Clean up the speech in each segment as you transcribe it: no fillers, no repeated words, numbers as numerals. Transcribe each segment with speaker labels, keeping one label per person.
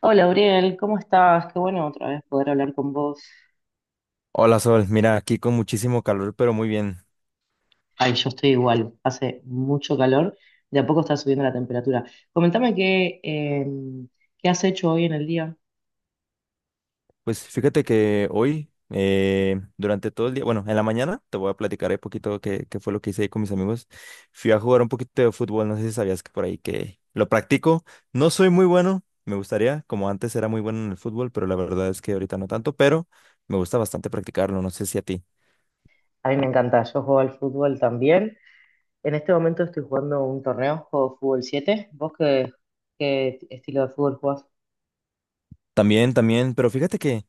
Speaker 1: Hola, Uriel, ¿cómo estás? Qué bueno otra vez poder hablar con vos.
Speaker 2: Hola Sol, mira, aquí con muchísimo calor, pero muy bien.
Speaker 1: Ay, yo estoy igual, hace mucho calor, de a poco está subiendo la temperatura. Comentame qué has hecho hoy en el día.
Speaker 2: Pues fíjate que hoy, durante todo el día, bueno, en la mañana te voy a platicar un poquito qué fue lo que hice ahí con mis amigos. Fui a jugar un poquito de fútbol, no sé si sabías que por ahí que lo practico. No soy muy bueno, me gustaría, como antes era muy bueno en el fútbol, pero la verdad es que ahorita no tanto, pero me gusta bastante practicarlo, no sé si a ti.
Speaker 1: A mí me encanta, yo juego al fútbol también. En este momento estoy jugando un torneo, juego fútbol 7. ¿Vos qué estilo de fútbol jugás?
Speaker 2: También, también, pero fíjate que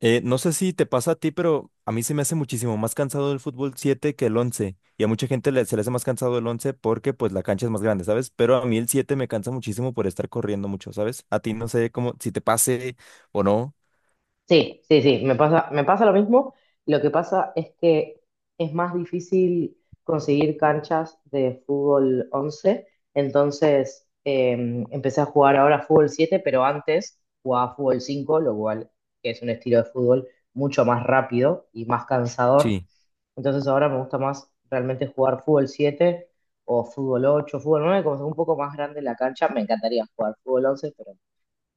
Speaker 2: No sé si te pasa a ti, pero a mí se me hace muchísimo más cansado el fútbol 7 que el 11. Y a mucha gente se le hace más cansado el 11 porque pues la cancha es más grande, ¿sabes? Pero a mí el 7 me cansa muchísimo por estar corriendo mucho, ¿sabes? A ti no sé cómo, si te pase o no.
Speaker 1: Sí, sí, sí, me pasa lo mismo. Lo que pasa es que es más difícil conseguir canchas de fútbol 11. Entonces empecé a jugar ahora fútbol 7, pero antes jugaba fútbol 5, lo cual que es un estilo de fútbol mucho más rápido y más cansador.
Speaker 2: Sí.
Speaker 1: Entonces ahora me gusta más realmente jugar fútbol 7 o fútbol 8, fútbol 9, como es un poco más grande la cancha, me encantaría jugar fútbol 11,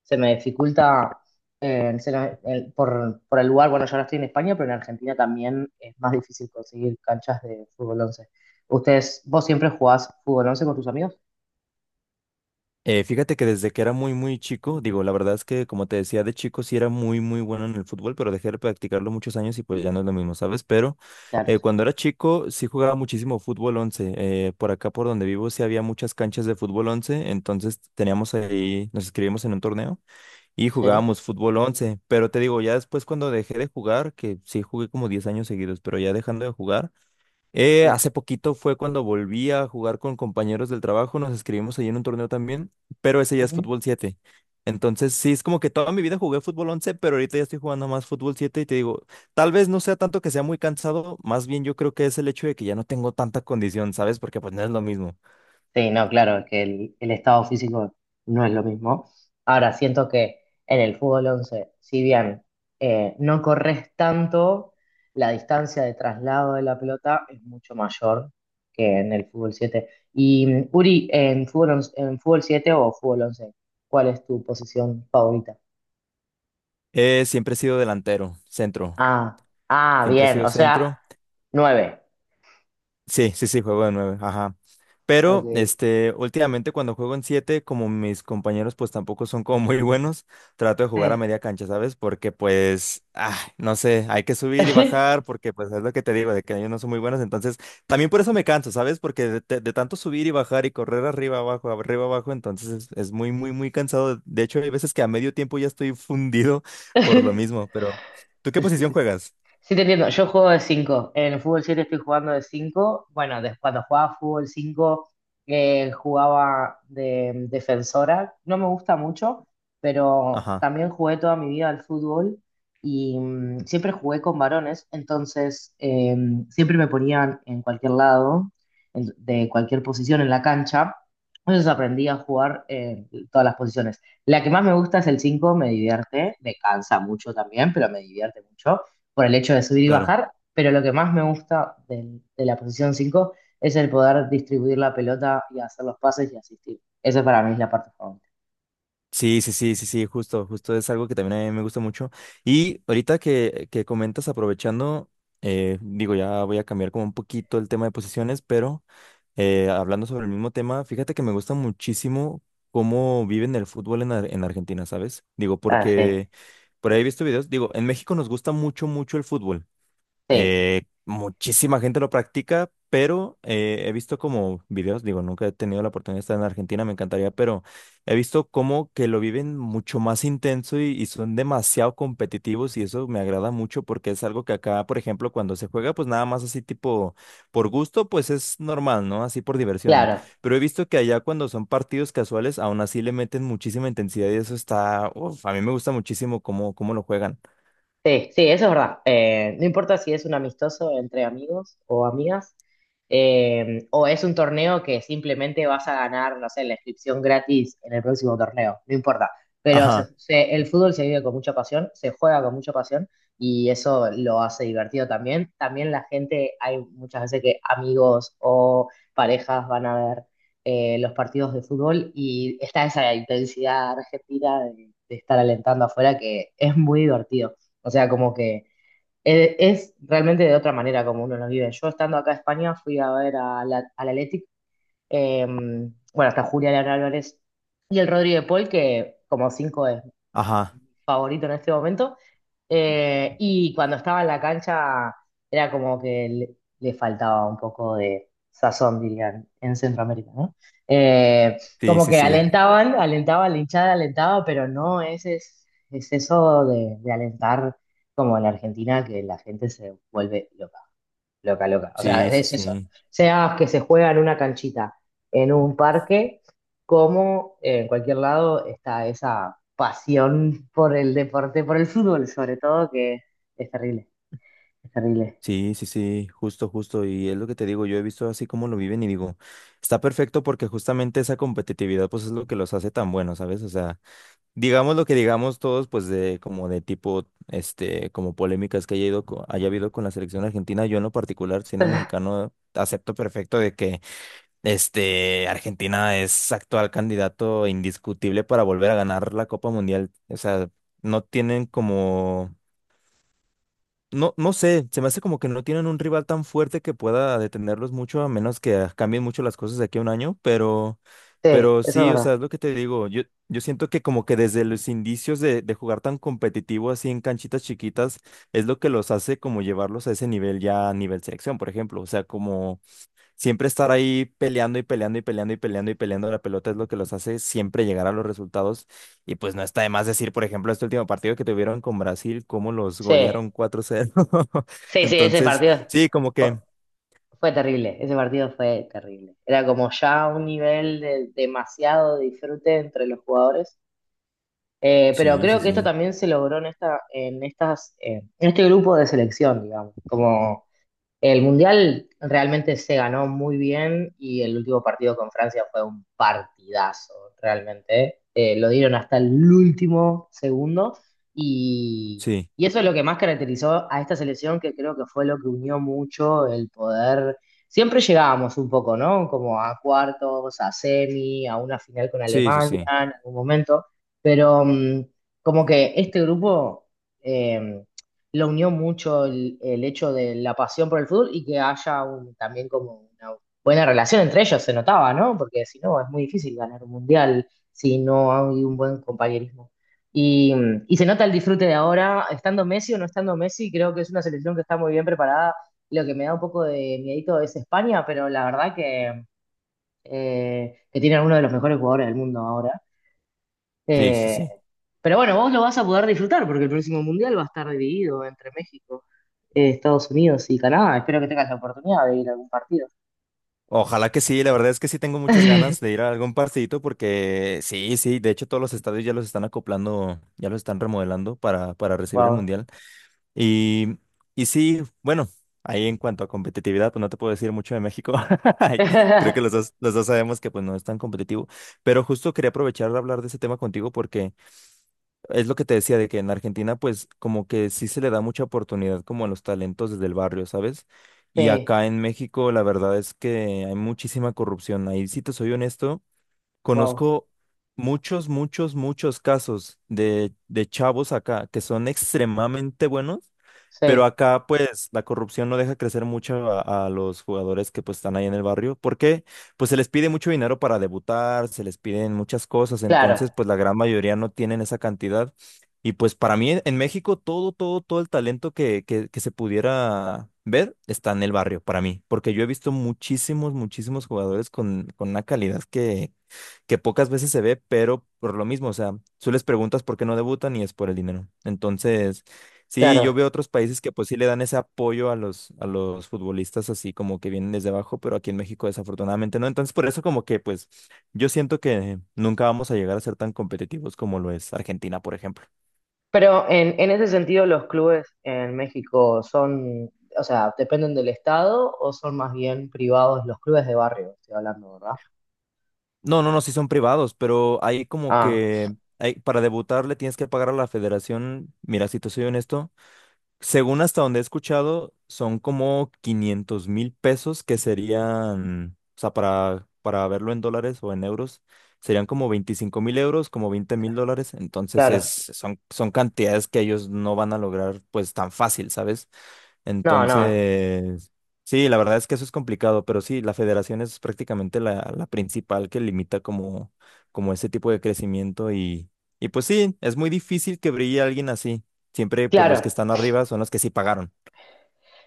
Speaker 1: se me dificulta se me- el- por el lugar, bueno, yo ahora estoy en España, pero en Argentina también es más difícil conseguir canchas de fútbol once. Vos siempre jugás fútbol 11 con tus amigos?
Speaker 2: Fíjate que desde que era muy, muy chico, digo, la verdad es que como te decía de chico sí era muy, muy bueno en el fútbol, pero dejé de practicarlo muchos años y pues ya no es lo mismo, ¿sabes? Pero
Speaker 1: Claro, sí.
Speaker 2: cuando era chico sí jugaba muchísimo fútbol 11. Por acá, por donde vivo, sí había muchas canchas de fútbol 11, entonces teníamos ahí, nos inscribimos en un torneo y
Speaker 1: Sí,
Speaker 2: jugábamos fútbol 11. Pero te digo, ya después cuando dejé de jugar, que sí jugué como 10 años seguidos, pero ya dejando de jugar. Eh,
Speaker 1: sí.
Speaker 2: hace poquito fue cuando volví a jugar con compañeros del trabajo, nos escribimos ahí en un torneo también, pero ese ya es fútbol 7. Entonces, sí, es como que toda mi vida jugué fútbol 11, pero ahorita ya estoy jugando más fútbol 7 y te digo, tal vez no sea tanto que sea muy cansado, más bien yo creo que es el hecho de que ya no tengo tanta condición, ¿sabes? Porque pues no es lo mismo.
Speaker 1: Sí, no, claro, es que el estado físico no es lo mismo. Ahora, siento que en el fútbol 11, si bien no corres tanto, la distancia de traslado de la pelota es mucho mayor que en el fútbol siete. Y Uri, en en fútbol 7 o fútbol once, ¿cuál es tu posición favorita?
Speaker 2: Siempre he sido delantero, centro,
Speaker 1: Ah, ah,
Speaker 2: siempre he
Speaker 1: bien,
Speaker 2: sido
Speaker 1: o sea,
Speaker 2: centro.
Speaker 1: nueve.
Speaker 2: Sí, sí, sí, juego de nueve, ajá. Pero,
Speaker 1: Ok.
Speaker 2: últimamente cuando juego en siete, como mis compañeros pues tampoco son como muy buenos, trato de jugar a
Speaker 1: Sí.
Speaker 2: media cancha, ¿sabes? Porque pues, ah, no sé, hay que subir y bajar, porque pues es lo que te digo, de que ellos no son muy buenos, entonces también por eso me canso, ¿sabes? Porque de tanto subir y bajar y correr arriba, abajo, entonces es muy, muy, muy cansado. De hecho, hay veces que a medio tiempo ya estoy fundido por lo mismo, pero ¿tú qué posición juegas?
Speaker 1: Sí, te entiendo. Yo juego de cinco. En el fútbol 7 estoy jugando de 5. Bueno, cuando jugaba fútbol 5 jugaba de defensora. No me gusta mucho, pero
Speaker 2: Ajá,
Speaker 1: también jugué toda mi vida al fútbol y siempre jugué con varones. Entonces, siempre me ponían en cualquier lado, de cualquier posición en la cancha. Entonces aprendí a jugar en todas las posiciones. La que más me gusta es el 5. Me divierte, me cansa mucho también, pero me divierte mucho por el hecho de subir y
Speaker 2: claro.
Speaker 1: bajar, pero lo que más me gusta de, la posición 5 es el poder distribuir la pelota y hacer los pases y asistir. Esa para mí es la parte favorita.
Speaker 2: Sí, sí, sí, sí, sí, justo, justo es algo que también a mí me gusta mucho. Y ahorita que comentas, aprovechando, digo, ya voy a cambiar como un poquito el tema de posiciones, pero hablando sobre el mismo tema, fíjate que me gusta muchísimo cómo viven el fútbol en Argentina, ¿sabes? Digo,
Speaker 1: Ah, sí.
Speaker 2: porque por ahí he visto videos, digo, en México nos gusta mucho, mucho el fútbol.
Speaker 1: Sí,
Speaker 2: Muchísima gente lo practica, pero he visto como videos, digo, nunca he tenido la oportunidad de estar en Argentina, me encantaría, pero he visto como que lo viven mucho más intenso y son demasiado competitivos y eso me agrada mucho porque es algo que acá, por ejemplo, cuando se juega, pues nada más así tipo por gusto, pues es normal, ¿no? Así por diversión.
Speaker 1: claro.
Speaker 2: Pero he visto que allá cuando son partidos casuales, aún así le meten muchísima intensidad y eso está, uf, a mí me gusta muchísimo cómo lo juegan.
Speaker 1: Sí, sí, eso es verdad. No importa si es un amistoso entre amigos o amigas, o es un torneo que simplemente vas a ganar, no sé, la inscripción gratis en el próximo torneo, no importa. Pero
Speaker 2: Ajá,
Speaker 1: el fútbol se vive con mucha pasión, se juega con mucha pasión y eso lo hace divertido también. También la gente, hay muchas veces que amigos o parejas van a ver los partidos de fútbol y está esa intensidad argentina de estar alentando afuera que es muy divertido. O sea, como que es realmente de otra manera como uno lo vive. Yo estando acá en España fui a ver a al Athletic, bueno, hasta Julián Álvarez y el Rodríguez Paul, que como cinco
Speaker 2: ajá,
Speaker 1: favorito en este momento. Y cuando estaba en la cancha era como que le faltaba un poco de sazón, dirían, en Centroamérica, ¿no? Eh,
Speaker 2: sí,
Speaker 1: Como
Speaker 2: sí,
Speaker 1: que
Speaker 2: sí.
Speaker 1: alentaban, alentaban, la hinchada alentaba, pero no, es, eso de alentar como en Argentina que la gente se vuelve loca. Loca, loca. O sea,
Speaker 2: Sí, sí,
Speaker 1: es eso.
Speaker 2: sí,
Speaker 1: Sea que se juega en una canchita, en un parque, como en cualquier lado está esa pasión por el deporte, por el fútbol sobre todo, que es terrible, es terrible.
Speaker 2: sí, sí, sí, justo, justo. Y es lo que te digo, yo he visto así como lo viven y digo, está perfecto porque justamente esa competitividad pues es lo que los hace tan buenos, ¿sabes? O sea, digamos lo que digamos todos pues de como de tipo, como polémicas que haya habido con la selección argentina, yo en lo particular siendo mexicano acepto perfecto de que Argentina es actual candidato indiscutible para volver a ganar la Copa Mundial. O sea, no tienen como... No, no sé, se me hace como que no tienen un rival tan fuerte que pueda detenerlos mucho, a menos que cambien mucho las cosas de aquí a un año, pero,
Speaker 1: Sí, eso es
Speaker 2: sí, o sea,
Speaker 1: verdad.
Speaker 2: es lo que te digo, yo siento que como que desde los indicios de jugar tan competitivo así en canchitas chiquitas, es lo que los hace como llevarlos a ese nivel ya a nivel selección, por ejemplo, o sea, como siempre estar ahí peleando y peleando y peleando y peleando y peleando la pelota es lo que los hace siempre llegar a los resultados. Y pues no está de más decir, por ejemplo, este último partido que tuvieron con Brasil, cómo los
Speaker 1: Sí,
Speaker 2: golearon 4-0
Speaker 1: sí, sí, ese
Speaker 2: Entonces,
Speaker 1: partido
Speaker 2: sí, como
Speaker 1: fu-
Speaker 2: que...
Speaker 1: fue, terrible, ese partido fue terrible. Era como ya un nivel de demasiado disfrute entre los jugadores. Pero
Speaker 2: Sí, sí,
Speaker 1: creo que esto
Speaker 2: sí.
Speaker 1: también se logró en en este grupo de selección, digamos. Como el Mundial realmente se ganó muy bien y el último partido con Francia fue un partidazo, realmente. Lo dieron hasta el último segundo y,
Speaker 2: Sí,
Speaker 1: y eso es lo que más caracterizó a esta selección, que creo que fue lo que unió mucho el poder. Siempre llegábamos un poco, ¿no? Como a cuartos, a semi, a una final con
Speaker 2: sí, sí,
Speaker 1: Alemania
Speaker 2: sí.
Speaker 1: en algún momento, pero como que este grupo... eh, lo unió mucho el hecho de la pasión por el fútbol y que haya también como una buena relación entre ellos, se notaba, ¿no? Porque si no, es muy difícil ganar un mundial si no hay un buen compañerismo. Y, y se nota el disfrute de ahora, estando Messi o no estando Messi, creo que es una selección que está muy bien preparada. Lo que me da un poco de miedito es España, pero la verdad que tienen uno de los mejores jugadores del mundo ahora.
Speaker 2: Sí, sí,
Speaker 1: Eh,
Speaker 2: sí.
Speaker 1: pero bueno, vos lo vas a poder disfrutar porque el próximo mundial va a estar dividido entre México Estados Unidos y Canadá. Espero que tengas la oportunidad de ir a algún partido.
Speaker 2: Ojalá que sí, la verdad es que sí tengo muchas ganas de ir a algún partidito porque sí, sí, de hecho todos los estadios ya los están acoplando, ya los están remodelando para recibir el
Speaker 1: Wow.
Speaker 2: mundial. Y, y sí, bueno, ahí en cuanto a competitividad, pues no te puedo decir mucho de México. Creo que los dos, los dos sabemos que pues no es tan competitivo. Pero justo quería aprovechar de hablar de ese tema contigo porque es lo que te decía de que en Argentina pues como que sí se le da mucha oportunidad como a los talentos desde el barrio, ¿sabes? Y
Speaker 1: Sí,
Speaker 2: acá en México la verdad es que hay muchísima corrupción. Ahí sí te soy honesto.
Speaker 1: wow.
Speaker 2: Conozco muchos, muchos, muchos casos de chavos acá que son extremadamente buenos, pero
Speaker 1: Sí,
Speaker 2: acá pues la corrupción no deja crecer mucho a los jugadores que pues están ahí en el barrio, porque pues se les pide mucho dinero para debutar, se les piden muchas cosas,
Speaker 1: claro,
Speaker 2: entonces pues la gran mayoría no tienen esa cantidad. Y pues para mí en México todo, todo, todo el talento que se pudiera ver está en el barrio, para mí, porque yo he visto muchísimos, muchísimos jugadores con una calidad que pocas veces se ve, pero por lo mismo, o sea, tú les preguntas por qué no debutan y es por el dinero. Entonces, sí, yo
Speaker 1: claro.
Speaker 2: veo otros países que pues sí le dan ese apoyo a los, futbolistas así como que vienen desde abajo, pero aquí en México desafortunadamente no. Entonces, por eso como que pues yo siento que nunca vamos a llegar a ser tan competitivos como lo es Argentina, por ejemplo.
Speaker 1: Pero en ese sentido, los clubes en México son, o sea, dependen del estado o son más bien privados los clubes de barrio, estoy hablando, ¿verdad?
Speaker 2: No, no, no, sí son privados, pero hay como
Speaker 1: Ah,
Speaker 2: que... para debutar le tienes que pagar a la federación. Mira, si te soy honesto. Según hasta donde he escuchado, son como 500,000 pesos que serían, o sea, para verlo en dólares o en euros, serían como 25,000 euros, como 20,000 dólares. Entonces es,
Speaker 1: claro.
Speaker 2: son, son cantidades que ellos no van a lograr pues tan fácil, ¿sabes?
Speaker 1: No, no.
Speaker 2: Entonces, sí, la verdad es que eso es complicado, pero sí, la federación es prácticamente la principal que limita como ese tipo de crecimiento y pues sí, es muy difícil que brille alguien así. Siempre pues los que
Speaker 1: Claro.
Speaker 2: están arriba son los que sí pagaron.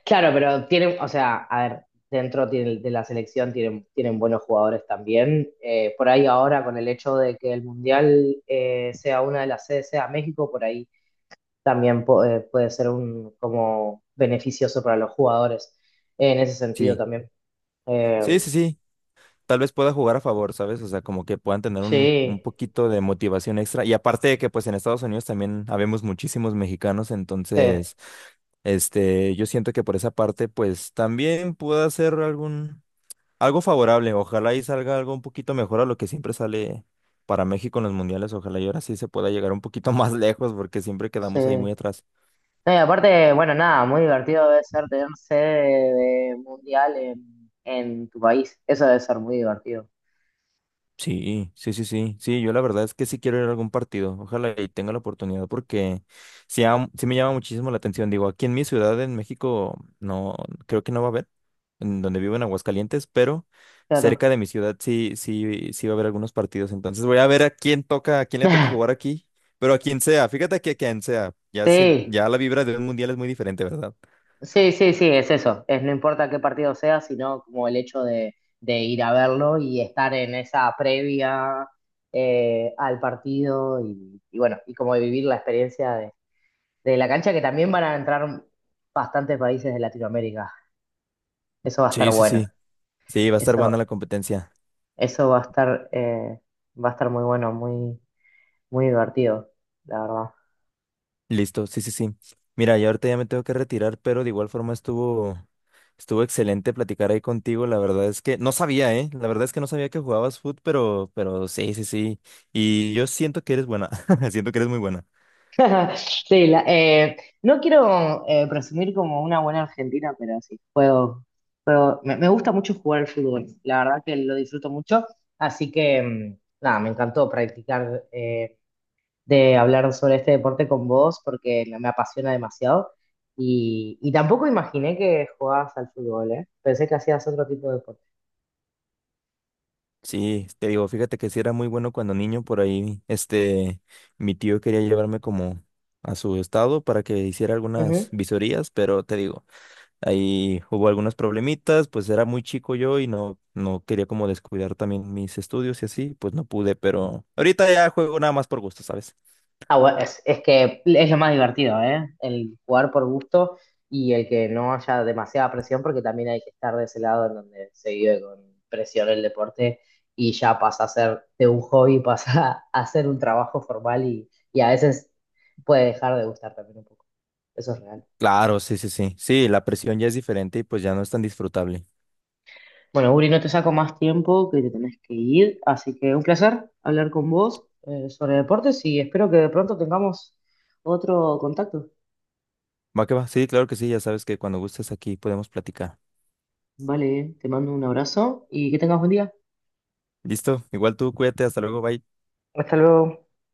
Speaker 1: Claro, pero tienen, o sea, a ver, dentro de la selección tienen, tienen buenos jugadores también. Por ahí ahora, con el hecho de que el Mundial sea una de las sedes, sea México, por ahí también puede ser un como beneficioso para los jugadores en ese sentido
Speaker 2: Sí,
Speaker 1: también.
Speaker 2: sí,
Speaker 1: Eh,
Speaker 2: sí, sí. Tal vez pueda jugar a favor, ¿sabes? O sea, como que puedan tener un
Speaker 1: sí,
Speaker 2: poquito de motivación extra. Y aparte de que pues en Estados Unidos también habemos muchísimos mexicanos,
Speaker 1: sí,
Speaker 2: entonces... Yo siento que por esa parte, pues también pueda hacer algo favorable. Ojalá y salga algo un poquito mejor a lo que siempre sale para México en los mundiales. Ojalá y ahora sí se pueda llegar un poquito más lejos porque siempre
Speaker 1: sí.
Speaker 2: quedamos ahí muy atrás.
Speaker 1: No, y aparte, bueno, nada, muy divertido debe ser tener sede de Mundial en tu país. Eso debe ser muy divertido.
Speaker 2: Sí, sí, sí, sí, sí, yo la verdad es que sí quiero ir a algún partido, ojalá y tenga la oportunidad porque sí, sí me llama muchísimo la atención, digo, aquí en mi ciudad en México no, creo que no va a haber, en donde vivo en Aguascalientes, pero
Speaker 1: Claro.
Speaker 2: cerca de mi ciudad sí, sí, sí va a haber algunos partidos, entonces voy a ver a quién toca, a quién le toca jugar aquí, pero a quien sea, fíjate que a quien sea, ya,
Speaker 1: Sí,
Speaker 2: ya la vibra de un mundial es muy diferente, ¿verdad?
Speaker 1: sí, sí, sí, es eso. Es no importa qué partido sea, sino como el hecho de, ir a verlo y estar en esa previa al partido y bueno, y como vivir la experiencia de la cancha, que también van a entrar bastantes países de Latinoamérica. Eso va a estar
Speaker 2: Sí, sí,
Speaker 1: bueno.
Speaker 2: sí, sí, va a estar buena
Speaker 1: Eso,
Speaker 2: la competencia.
Speaker 1: eso va a estar muy bueno, muy, muy divertido, la verdad.
Speaker 2: Listo, sí, sí, sí. Mira, yo ahorita ya me tengo que retirar, pero de igual forma estuvo excelente platicar ahí contigo. La verdad es que no sabía, ¿eh? La verdad es que no sabía que jugabas foot, pero sí, sí, sí. Y yo siento que eres buena, siento que eres muy buena.
Speaker 1: Sí, no quiero presumir como una buena argentina, pero sí, juego. Pero me gusta mucho jugar al fútbol, la verdad que lo disfruto mucho, así que nada, me encantó practicar de hablar sobre este deporte con vos porque me apasiona demasiado y tampoco imaginé que jugabas al fútbol, ¿eh? Pensé que hacías otro tipo de deporte.
Speaker 2: Sí, te digo, fíjate que sí era muy bueno cuando niño por ahí, mi tío quería llevarme como a su estado para que hiciera algunas visorías, pero te digo. Ahí hubo algunos problemitas, pues era muy chico yo y no, no quería como descuidar también mis estudios y así, pues no pude, pero ahorita ya juego nada más por gusto, ¿sabes?
Speaker 1: Ah, bueno, es, que es lo más divertido, ¿eh? El jugar por gusto y el que no haya demasiada presión, porque también hay que estar de ese lado en donde se vive con presión el deporte y ya pasa a ser de un hobby, pasa a ser un trabajo formal y a veces puede dejar de gustar también un poco. Eso es real.
Speaker 2: Claro, sí, sí, sí. Sí, la presión ya es diferente y pues ya no es tan disfrutable.
Speaker 1: Bueno, Uri, no te saco más tiempo que te tenés que ir, así que un placer hablar con vos sobre deportes y espero que de pronto tengamos otro contacto.
Speaker 2: Va que va, sí, claro que sí, ya sabes que cuando gustes aquí podemos platicar.
Speaker 1: Vale, te mando un abrazo y que tengas buen día.
Speaker 2: Listo, igual tú, cuídate, hasta luego, bye.
Speaker 1: Hasta luego.